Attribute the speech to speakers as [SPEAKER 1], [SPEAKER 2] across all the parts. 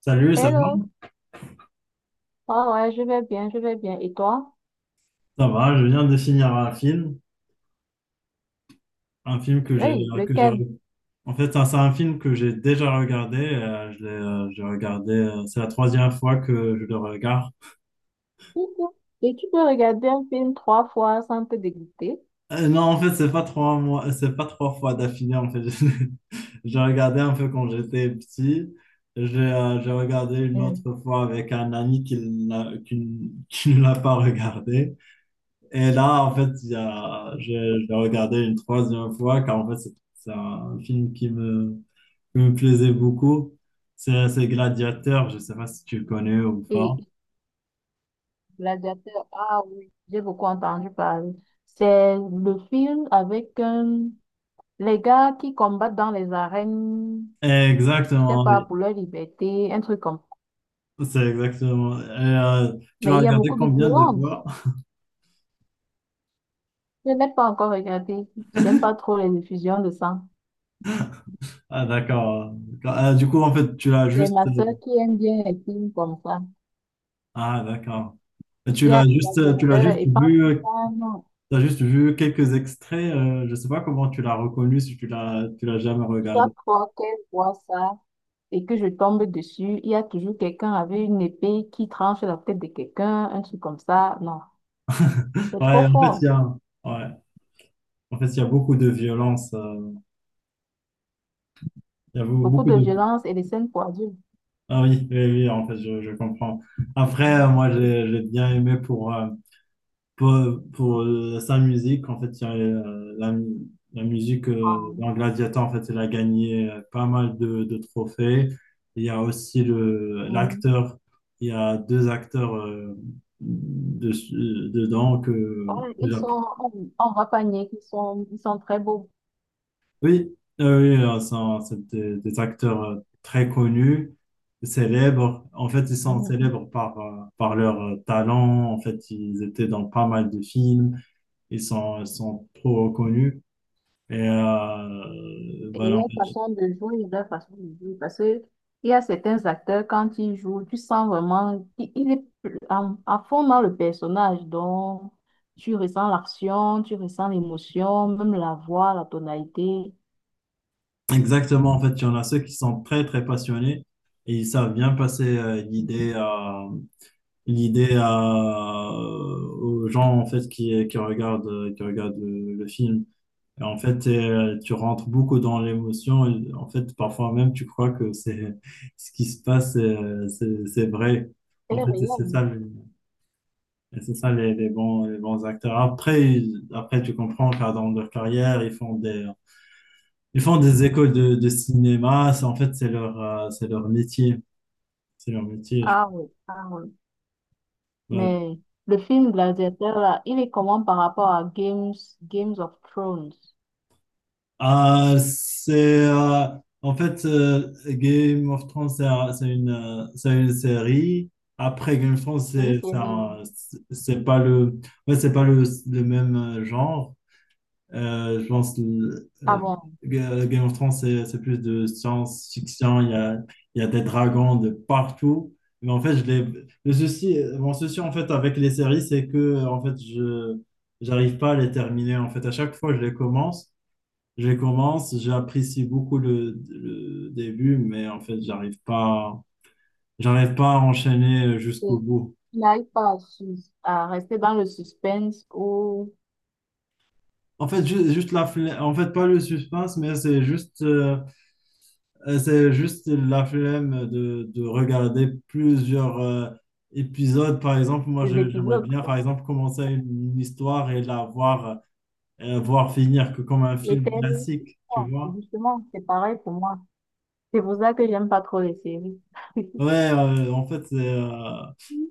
[SPEAKER 1] Salut, ça
[SPEAKER 2] Hello.
[SPEAKER 1] va?
[SPEAKER 2] Ah ouais, je vais bien, je vais bien. Et toi?
[SPEAKER 1] Ça va, je viens de finir un film que j'ai
[SPEAKER 2] Hey,
[SPEAKER 1] que j'ai
[SPEAKER 2] lequel?
[SPEAKER 1] en fait ça, c'est un film que j'ai déjà regardé, je l'ai j'ai regardé, c'est la troisième fois que je le regarde.
[SPEAKER 2] Coucou. Et tu peux regarder un film trois fois sans te dégoûter.
[SPEAKER 1] Non, en fait, c'est pas trois mois, c'est pas trois fois d'affilée en fait. J'ai regardé un peu quand j'étais petit. J'ai regardé une
[SPEAKER 2] Hmm.
[SPEAKER 1] autre fois avec un ami qui ne l'a pas regardé. Et là, en fait, je l'ai regardé une troisième fois, car en fait, c'est un film qui me plaisait beaucoup. C'est Gladiateur, je ne sais pas si tu le connais ou pas.
[SPEAKER 2] Et Gladiateur, ah oui, j'ai beaucoup entendu parler. C'est le film avec les gars qui combattent dans les arènes, je sais
[SPEAKER 1] Exactement,
[SPEAKER 2] pas,
[SPEAKER 1] oui.
[SPEAKER 2] pour leur liberté, un truc comme ça.
[SPEAKER 1] C'est exactement. Et, tu l'as
[SPEAKER 2] Mais il y a
[SPEAKER 1] regardé
[SPEAKER 2] beaucoup de
[SPEAKER 1] combien de
[SPEAKER 2] violence.
[SPEAKER 1] fois?
[SPEAKER 2] Je n'ai pas encore regardé. J'aime pas trop les effusions de sang.
[SPEAKER 1] Ah, d'accord. Ah, du coup, en fait, tu l'as
[SPEAKER 2] C'est
[SPEAKER 1] juste.
[SPEAKER 2] ma sœur qui aime bien les films comme ça.
[SPEAKER 1] Ah, d'accord. Et tu
[SPEAKER 2] Il y a un
[SPEAKER 1] l'as juste, tu l'as
[SPEAKER 2] gladiateur
[SPEAKER 1] juste
[SPEAKER 2] et parfois, non,
[SPEAKER 1] t'as juste vu quelques extraits. Je sais pas comment tu l'as reconnu si tu l'as jamais regardé.
[SPEAKER 2] chaque fois qu'elle voit ça et que je tombe dessus, il y a toujours quelqu'un avec une épée qui tranche la tête de quelqu'un, un truc comme ça. Non, c'est
[SPEAKER 1] Ouais,
[SPEAKER 2] trop
[SPEAKER 1] en fait,
[SPEAKER 2] fort.
[SPEAKER 1] ouais. En fait, il y a beaucoup de violence. Il y a beau-
[SPEAKER 2] Beaucoup
[SPEAKER 1] beaucoup
[SPEAKER 2] de
[SPEAKER 1] de...
[SPEAKER 2] violence et des scènes pour adultes.
[SPEAKER 1] Ah oui, oui, oui, en fait, je comprends. Après,
[SPEAKER 2] Hum,
[SPEAKER 1] moi, j'ai bien aimé pour, pour, sa musique. En fait, il y a, la musique dans Gladiator, en fait, il a gagné pas mal de trophées. Il y a aussi
[SPEAKER 2] hum.
[SPEAKER 1] l'acteur. Il y a deux acteurs dedans que
[SPEAKER 2] Ouais, ils sont, on va pas nier qu'ils sont, ils sont très beaux.
[SPEAKER 1] oui, c'est des acteurs très connus, célèbres. En fait, ils sont
[SPEAKER 2] Mm-hmm.
[SPEAKER 1] célèbres par, par leur talent. En fait, ils étaient dans pas mal de films. Ils sont trop connus. Et
[SPEAKER 2] Et
[SPEAKER 1] voilà, en
[SPEAKER 2] leur
[SPEAKER 1] fait,
[SPEAKER 2] façon de jouer, leur façon de jouer. Parce que il y a certains acteurs, quand ils jouent, tu sens vraiment qu'il est en- à fond dans le personnage. Donc, tu ressens l'action, tu ressens l'émotion, même la voix, la tonalité.
[SPEAKER 1] exactement. En fait, il y en a ceux qui sont très passionnés et ils savent bien passer l'idée à, aux gens en fait, qui regardent le film. Et en fait, tu rentres beaucoup dans l'émotion. Et en fait, parfois même, tu crois que c'est ce qui se passe, c'est vrai. En
[SPEAKER 2] Elle est
[SPEAKER 1] fait, et c'est
[SPEAKER 2] réelle.
[SPEAKER 1] ça, le- Et c'est ça les bons acteurs. Après, après, tu comprends car dans leur carrière, ils font des écoles de cinéma. En fait, c'est leur métier. C'est leur métier.
[SPEAKER 2] Ah oui, ah oui. Mais le film Gladiateur, là, il est comment par rapport à Games, Games of Thrones?
[SPEAKER 1] Ah, c'est euh, en fait Game of Thrones, c'est une série. Après Game of Thrones,
[SPEAKER 2] C'est une série.
[SPEAKER 1] c'est pas le ouais, c'est pas le même genre. Je pense le-
[SPEAKER 2] Ah bon?
[SPEAKER 1] Ga- Game of Thrones, c'est plus de science-fiction. Il y a des dragons de partout. Mais en fait, je l'ai le souci, mon souci en fait avec les séries, c'est que en fait je j'arrive pas à les terminer. En fait, à chaque fois, je les commence. Je commence, j'apprécie beaucoup le début, mais en fait, j'arrive pas à enchaîner jusqu'au
[SPEAKER 2] Et
[SPEAKER 1] bout.
[SPEAKER 2] il n'arrive pas à, sus- à rester dans le suspense ou
[SPEAKER 1] En fait, juste la flemme, en fait, pas le suspense, mais c'est juste la flemme de regarder plusieurs épisodes. Par exemple, moi,
[SPEAKER 2] les
[SPEAKER 1] j'aimerais
[SPEAKER 2] épisodes,
[SPEAKER 1] bien, par
[SPEAKER 2] quoi.
[SPEAKER 1] exemple, commencer une histoire et la voir, voir finir que comme un
[SPEAKER 2] Les
[SPEAKER 1] film
[SPEAKER 2] séries,
[SPEAKER 1] classique, tu
[SPEAKER 2] ouais,
[SPEAKER 1] vois?
[SPEAKER 2] justement, c'est pareil pour moi. C'est pour ça que j'aime pas trop les séries.
[SPEAKER 1] Ouais, en fait, c'est,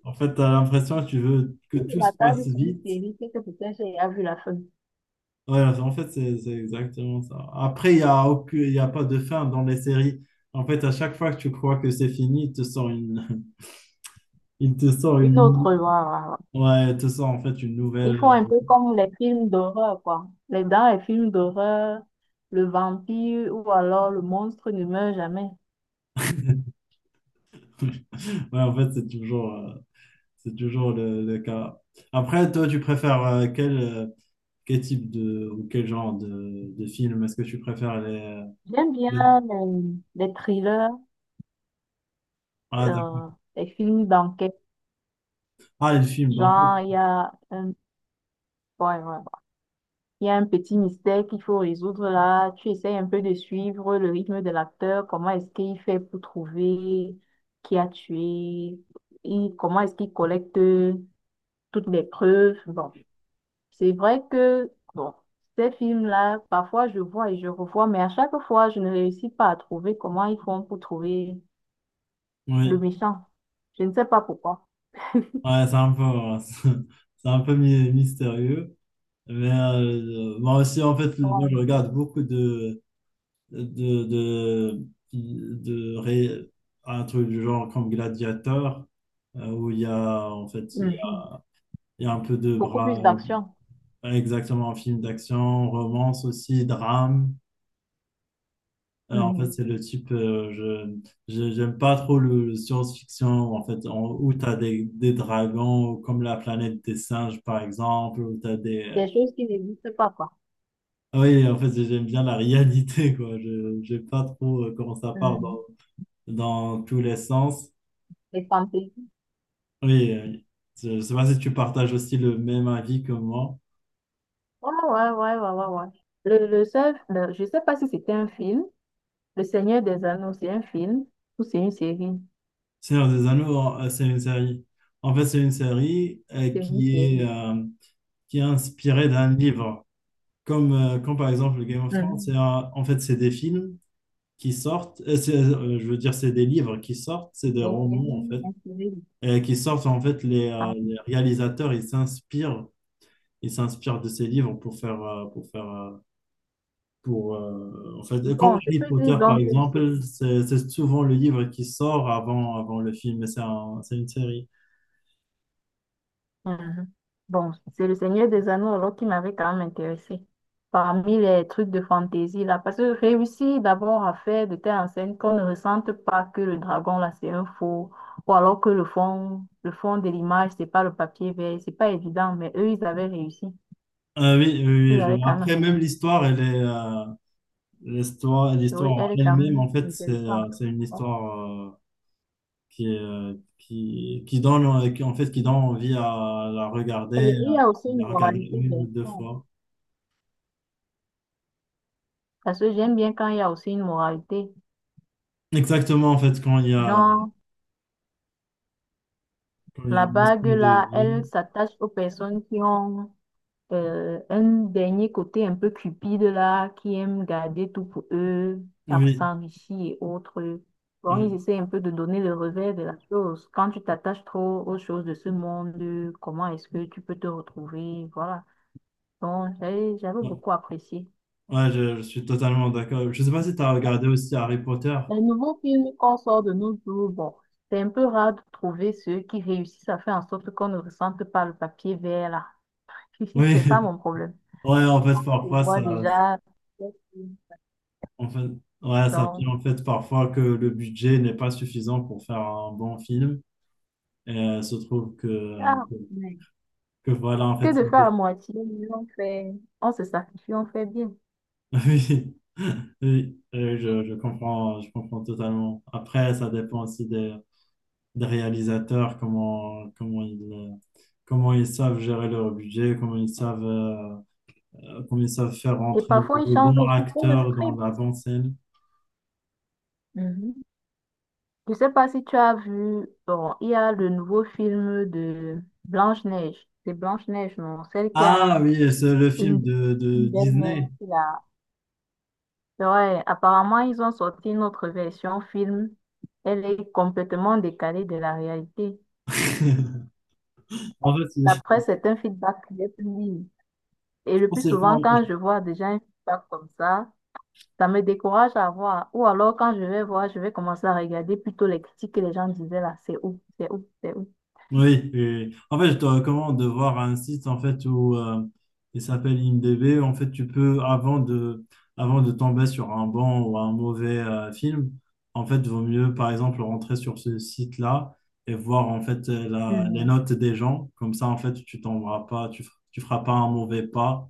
[SPEAKER 1] en fait, t'as l'impression que tu veux que
[SPEAKER 2] Si je
[SPEAKER 1] tout se
[SPEAKER 2] m'attarde
[SPEAKER 1] passe
[SPEAKER 2] sur une
[SPEAKER 1] vite.
[SPEAKER 2] série, c'est que peut-être j'ai déjà vu la fin.
[SPEAKER 1] Ouais, en fait, c'est exactement ça. Après, il y a pas de fin dans les séries. En fait, à chaque fois que tu crois que c'est fini, il te sort une... il te sort
[SPEAKER 2] Une
[SPEAKER 1] une...
[SPEAKER 2] autre, voilà, voilà.
[SPEAKER 1] Ouais, il te sort en fait une
[SPEAKER 2] Ils
[SPEAKER 1] nouvelle...
[SPEAKER 2] font un peu comme les films d'horreur, quoi. Les dans les films d'horreur, le vampire ou alors le monstre ne meurt jamais.
[SPEAKER 1] Ouais, en fait, c'est toujours le cas. Après, toi, tu préfères quel type de... ou quel genre de film? Est-ce que tu préfères
[SPEAKER 2] J'aime
[SPEAKER 1] les-
[SPEAKER 2] bien les thrillers,
[SPEAKER 1] Ah, d'accord.
[SPEAKER 2] euh, les films d'enquête.
[SPEAKER 1] Ah, les films, donc...
[SPEAKER 2] Genre, il y a un... Ouais, ouais. Il y a un petit mystère qu'il faut résoudre là. Tu essayes un peu de suivre le rythme de l'acteur. Comment est-ce qu'il fait pour trouver qui a tué? Et comment est-ce qu'il collecte toutes les preuves? Bon, c'est vrai que bon, ces films-là, parfois je vois et je revois, mais à chaque fois, je ne réussis pas à trouver comment ils font pour trouver le
[SPEAKER 1] Oui.
[SPEAKER 2] méchant. Je ne sais pas pourquoi.
[SPEAKER 1] Ouais, c'est un peu... C'est un peu mi- mystérieux. Mais moi aussi, en fait, moi,
[SPEAKER 2] Oh.
[SPEAKER 1] je regarde beaucoup de, de, de un truc du genre comme Gladiator, où il y a, en fait,
[SPEAKER 2] Mhm.
[SPEAKER 1] il y a un peu de
[SPEAKER 2] Beaucoup plus
[SPEAKER 1] bras,
[SPEAKER 2] d'action.
[SPEAKER 1] exactement, un film d'action, romance aussi, drame. En fait,
[SPEAKER 2] Mhm.
[SPEAKER 1] c'est le type, j'aime pas trop le science-fiction, en fait, où tu as des dragons, comme la planète des singes, par exemple, où tu as des,
[SPEAKER 2] Des choses qui n'existent pas, quoi.
[SPEAKER 1] oui, en fait, j'aime bien la réalité, quoi. Je n'aime pas trop comment ça part
[SPEAKER 2] Mhm.
[SPEAKER 1] dans tous les sens.
[SPEAKER 2] Les fantaisies.
[SPEAKER 1] Oui, je ne sais pas si tu partages aussi le même avis que moi.
[SPEAKER 2] Ouais, ouais, ouais, ouais, ouais, ouais. Le seul, le- je sais pas si c'était un film. Le Seigneur des Anneaux, c'est un film ou c'est une série?
[SPEAKER 1] Seigneur des Anneaux, c'est une série. En fait, c'est une série
[SPEAKER 2] C'est une
[SPEAKER 1] est,
[SPEAKER 2] série.
[SPEAKER 1] euh, qui est inspirée d'un livre. Comme, comme par exemple Game of Thrones,
[SPEAKER 2] Mhm.
[SPEAKER 1] en fait, c'est des films qui sortent. Je veux dire, c'est des livres qui sortent, c'est des
[SPEAKER 2] Des
[SPEAKER 1] romans, en
[SPEAKER 2] séries
[SPEAKER 1] fait,
[SPEAKER 2] inspirées. Du-
[SPEAKER 1] qui sortent. En fait,
[SPEAKER 2] Ah.
[SPEAKER 1] les réalisateurs, ils s'inspirent il s'inspire de ses livres pour faire, en fait, comme
[SPEAKER 2] Bon, je
[SPEAKER 1] Harry
[SPEAKER 2] peux dire
[SPEAKER 1] Potter, par
[SPEAKER 2] donc que c'est.
[SPEAKER 1] exemple, c'est souvent le livre qui sort avant le film, mais c'est une série.
[SPEAKER 2] Mhm. Bon, c'est le Seigneur des Anneaux alors qui m'avait quand même intéressé. Parmi les trucs de fantaisie là, parce que réussir d'abord à faire de telles scène qu'on ne ressente pas que le dragon là c'est un faux, ou alors que le fond de l'image c'est pas le papier vert, c'est pas évident, mais eux ils avaient réussi,
[SPEAKER 1] Ah oui, oui,
[SPEAKER 2] ils
[SPEAKER 1] oui, je-
[SPEAKER 2] avaient quand même
[SPEAKER 1] Après,
[SPEAKER 2] réussi.
[SPEAKER 1] même l'histoire, elle est, l'histoire, l'histoire
[SPEAKER 2] Oui,
[SPEAKER 1] en
[SPEAKER 2] elle est quand
[SPEAKER 1] elle-même,
[SPEAKER 2] même
[SPEAKER 1] en fait,
[SPEAKER 2] intéressante.
[SPEAKER 1] c'est une
[SPEAKER 2] Bon.
[SPEAKER 1] histoire euh, qui donne, en fait, qui donne envie
[SPEAKER 2] Et il y
[SPEAKER 1] à
[SPEAKER 2] a aussi une
[SPEAKER 1] la regarder
[SPEAKER 2] moralité
[SPEAKER 1] une ou deux
[SPEAKER 2] derrière.
[SPEAKER 1] fois.
[SPEAKER 2] Parce que j'aime bien quand il y a aussi une moralité.
[SPEAKER 1] Exactement, en fait,
[SPEAKER 2] Genre,
[SPEAKER 1] quand il y a
[SPEAKER 2] la
[SPEAKER 1] une
[SPEAKER 2] bague
[SPEAKER 1] notion de
[SPEAKER 2] là, elle
[SPEAKER 1] vie.
[SPEAKER 2] s'attache aux personnes qui ont un dernier côté un peu cupide là, qui aime garder tout pour eux, à
[SPEAKER 1] Oui,
[SPEAKER 2] s'enrichir et autres. Bon, ils
[SPEAKER 1] oui.
[SPEAKER 2] essaient un peu de donner le revers de la chose. Quand tu t'attaches trop aux choses de ce monde, comment est-ce que tu peux te retrouver? Voilà. Donc, j'avais
[SPEAKER 1] Ouais,
[SPEAKER 2] beaucoup apprécié.
[SPEAKER 1] ouais, je suis totalement d'accord. Je sais pas si tu as regardé aussi Harry Potter.
[SPEAKER 2] Les nouveaux films qu'on sort de nos jours, bon, c'est un peu rare de trouver ceux qui réussissent à faire en sorte qu'on ne ressente pas le papier vert là.
[SPEAKER 1] Oui,
[SPEAKER 2] C'est ça mon problème.
[SPEAKER 1] ouais, en fait,
[SPEAKER 2] Je
[SPEAKER 1] parfois,
[SPEAKER 2] vois
[SPEAKER 1] ça,
[SPEAKER 2] déjà.
[SPEAKER 1] en fait, ouais, ça
[SPEAKER 2] Donc,
[SPEAKER 1] vient en fait parfois que le budget n'est pas suffisant pour faire un bon film. Et se trouve
[SPEAKER 2] ah.
[SPEAKER 1] que,
[SPEAKER 2] Ouais.
[SPEAKER 1] que voilà, en fait,
[SPEAKER 2] Que de faire à moitié. Mais on fait, on se sacrifie, on fait bien.
[SPEAKER 1] oui, oui, je comprends totalement. Après, ça dépend aussi des réalisateurs, comment ils savent gérer leur budget, comment ils savent faire
[SPEAKER 2] Et
[SPEAKER 1] rentrer le
[SPEAKER 2] parfois, ils
[SPEAKER 1] le
[SPEAKER 2] changent
[SPEAKER 1] bon
[SPEAKER 2] aussi pour le
[SPEAKER 1] acteur dans
[SPEAKER 2] script.
[SPEAKER 1] la bonne scène.
[SPEAKER 2] Mhm. Je sais pas si tu as vu, bon, il y a le nouveau film de Blanche-Neige. C'est Blanche-Neige, non? Celle qui a
[SPEAKER 1] Ah oui, c'est le film
[SPEAKER 2] une,
[SPEAKER 1] de
[SPEAKER 2] une belle-mère
[SPEAKER 1] Disney.
[SPEAKER 2] qui l'a. Ouais, apparemment, ils ont sorti une autre version film. Elle est complètement décalée de la réalité.
[SPEAKER 1] En fait,
[SPEAKER 2] D'après
[SPEAKER 1] je
[SPEAKER 2] certains feedbacks feedback que j'ai pu lire. Et le
[SPEAKER 1] pense
[SPEAKER 2] plus
[SPEAKER 1] qu'ils
[SPEAKER 2] souvent,
[SPEAKER 1] font,
[SPEAKER 2] quand je vois déjà un feedback comme ça me décourage à voir. Ou alors, quand je vais voir, je vais commencer à regarder plutôt les critiques que les gens disaient là. C'est où? C'est où? C'est où?
[SPEAKER 1] oui, et en fait, je te recommande de voir un site en fait où il s'appelle IMDb. En fait, tu peux avant de tomber sur un bon ou un mauvais film, en fait, vaut mieux par exemple rentrer sur ce site-là et voir en fait les
[SPEAKER 2] Mhm,
[SPEAKER 1] notes des gens. Comme ça, en fait, tu tomberas pas, tu feras pas un mauvais pas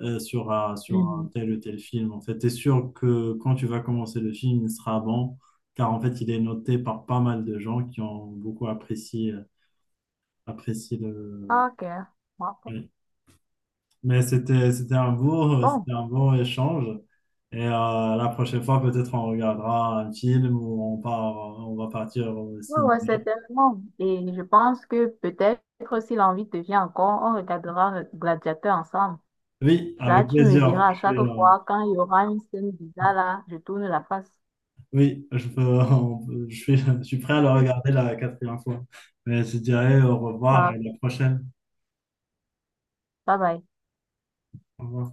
[SPEAKER 1] sur un, sur un
[SPEAKER 2] mhm.
[SPEAKER 1] tel ou tel film. En fait, t'es sûr que quand tu vas commencer le film, il sera bon, car en fait, il est noté par pas mal de gens qui ont beaucoup apprécié. Apprécie le.
[SPEAKER 2] Ok.
[SPEAKER 1] Oui.
[SPEAKER 2] Ok.
[SPEAKER 1] Mais c'était
[SPEAKER 2] Bon.
[SPEAKER 1] un beau échange. Et la prochaine fois, peut-être on regardera un film ou on part, on va partir au
[SPEAKER 2] Oui, ouais,
[SPEAKER 1] cinéma.
[SPEAKER 2] ouais, certainement. Et je pense que peut-être si l'envie te vient encore, on regardera Gladiateur ensemble.
[SPEAKER 1] Oui,
[SPEAKER 2] Là,
[SPEAKER 1] avec
[SPEAKER 2] tu me
[SPEAKER 1] plaisir.
[SPEAKER 2] diras
[SPEAKER 1] Je
[SPEAKER 2] à
[SPEAKER 1] suis,
[SPEAKER 2] chaque fois quand il y aura une scène bizarre là, je tourne la face.
[SPEAKER 1] oui, je peux, on peut- je suis prêt à le regarder la quatrième fois. Mais je dirais au revoir
[SPEAKER 2] Ah,
[SPEAKER 1] et à
[SPEAKER 2] ok.
[SPEAKER 1] la prochaine.
[SPEAKER 2] Bye bye.
[SPEAKER 1] Au revoir.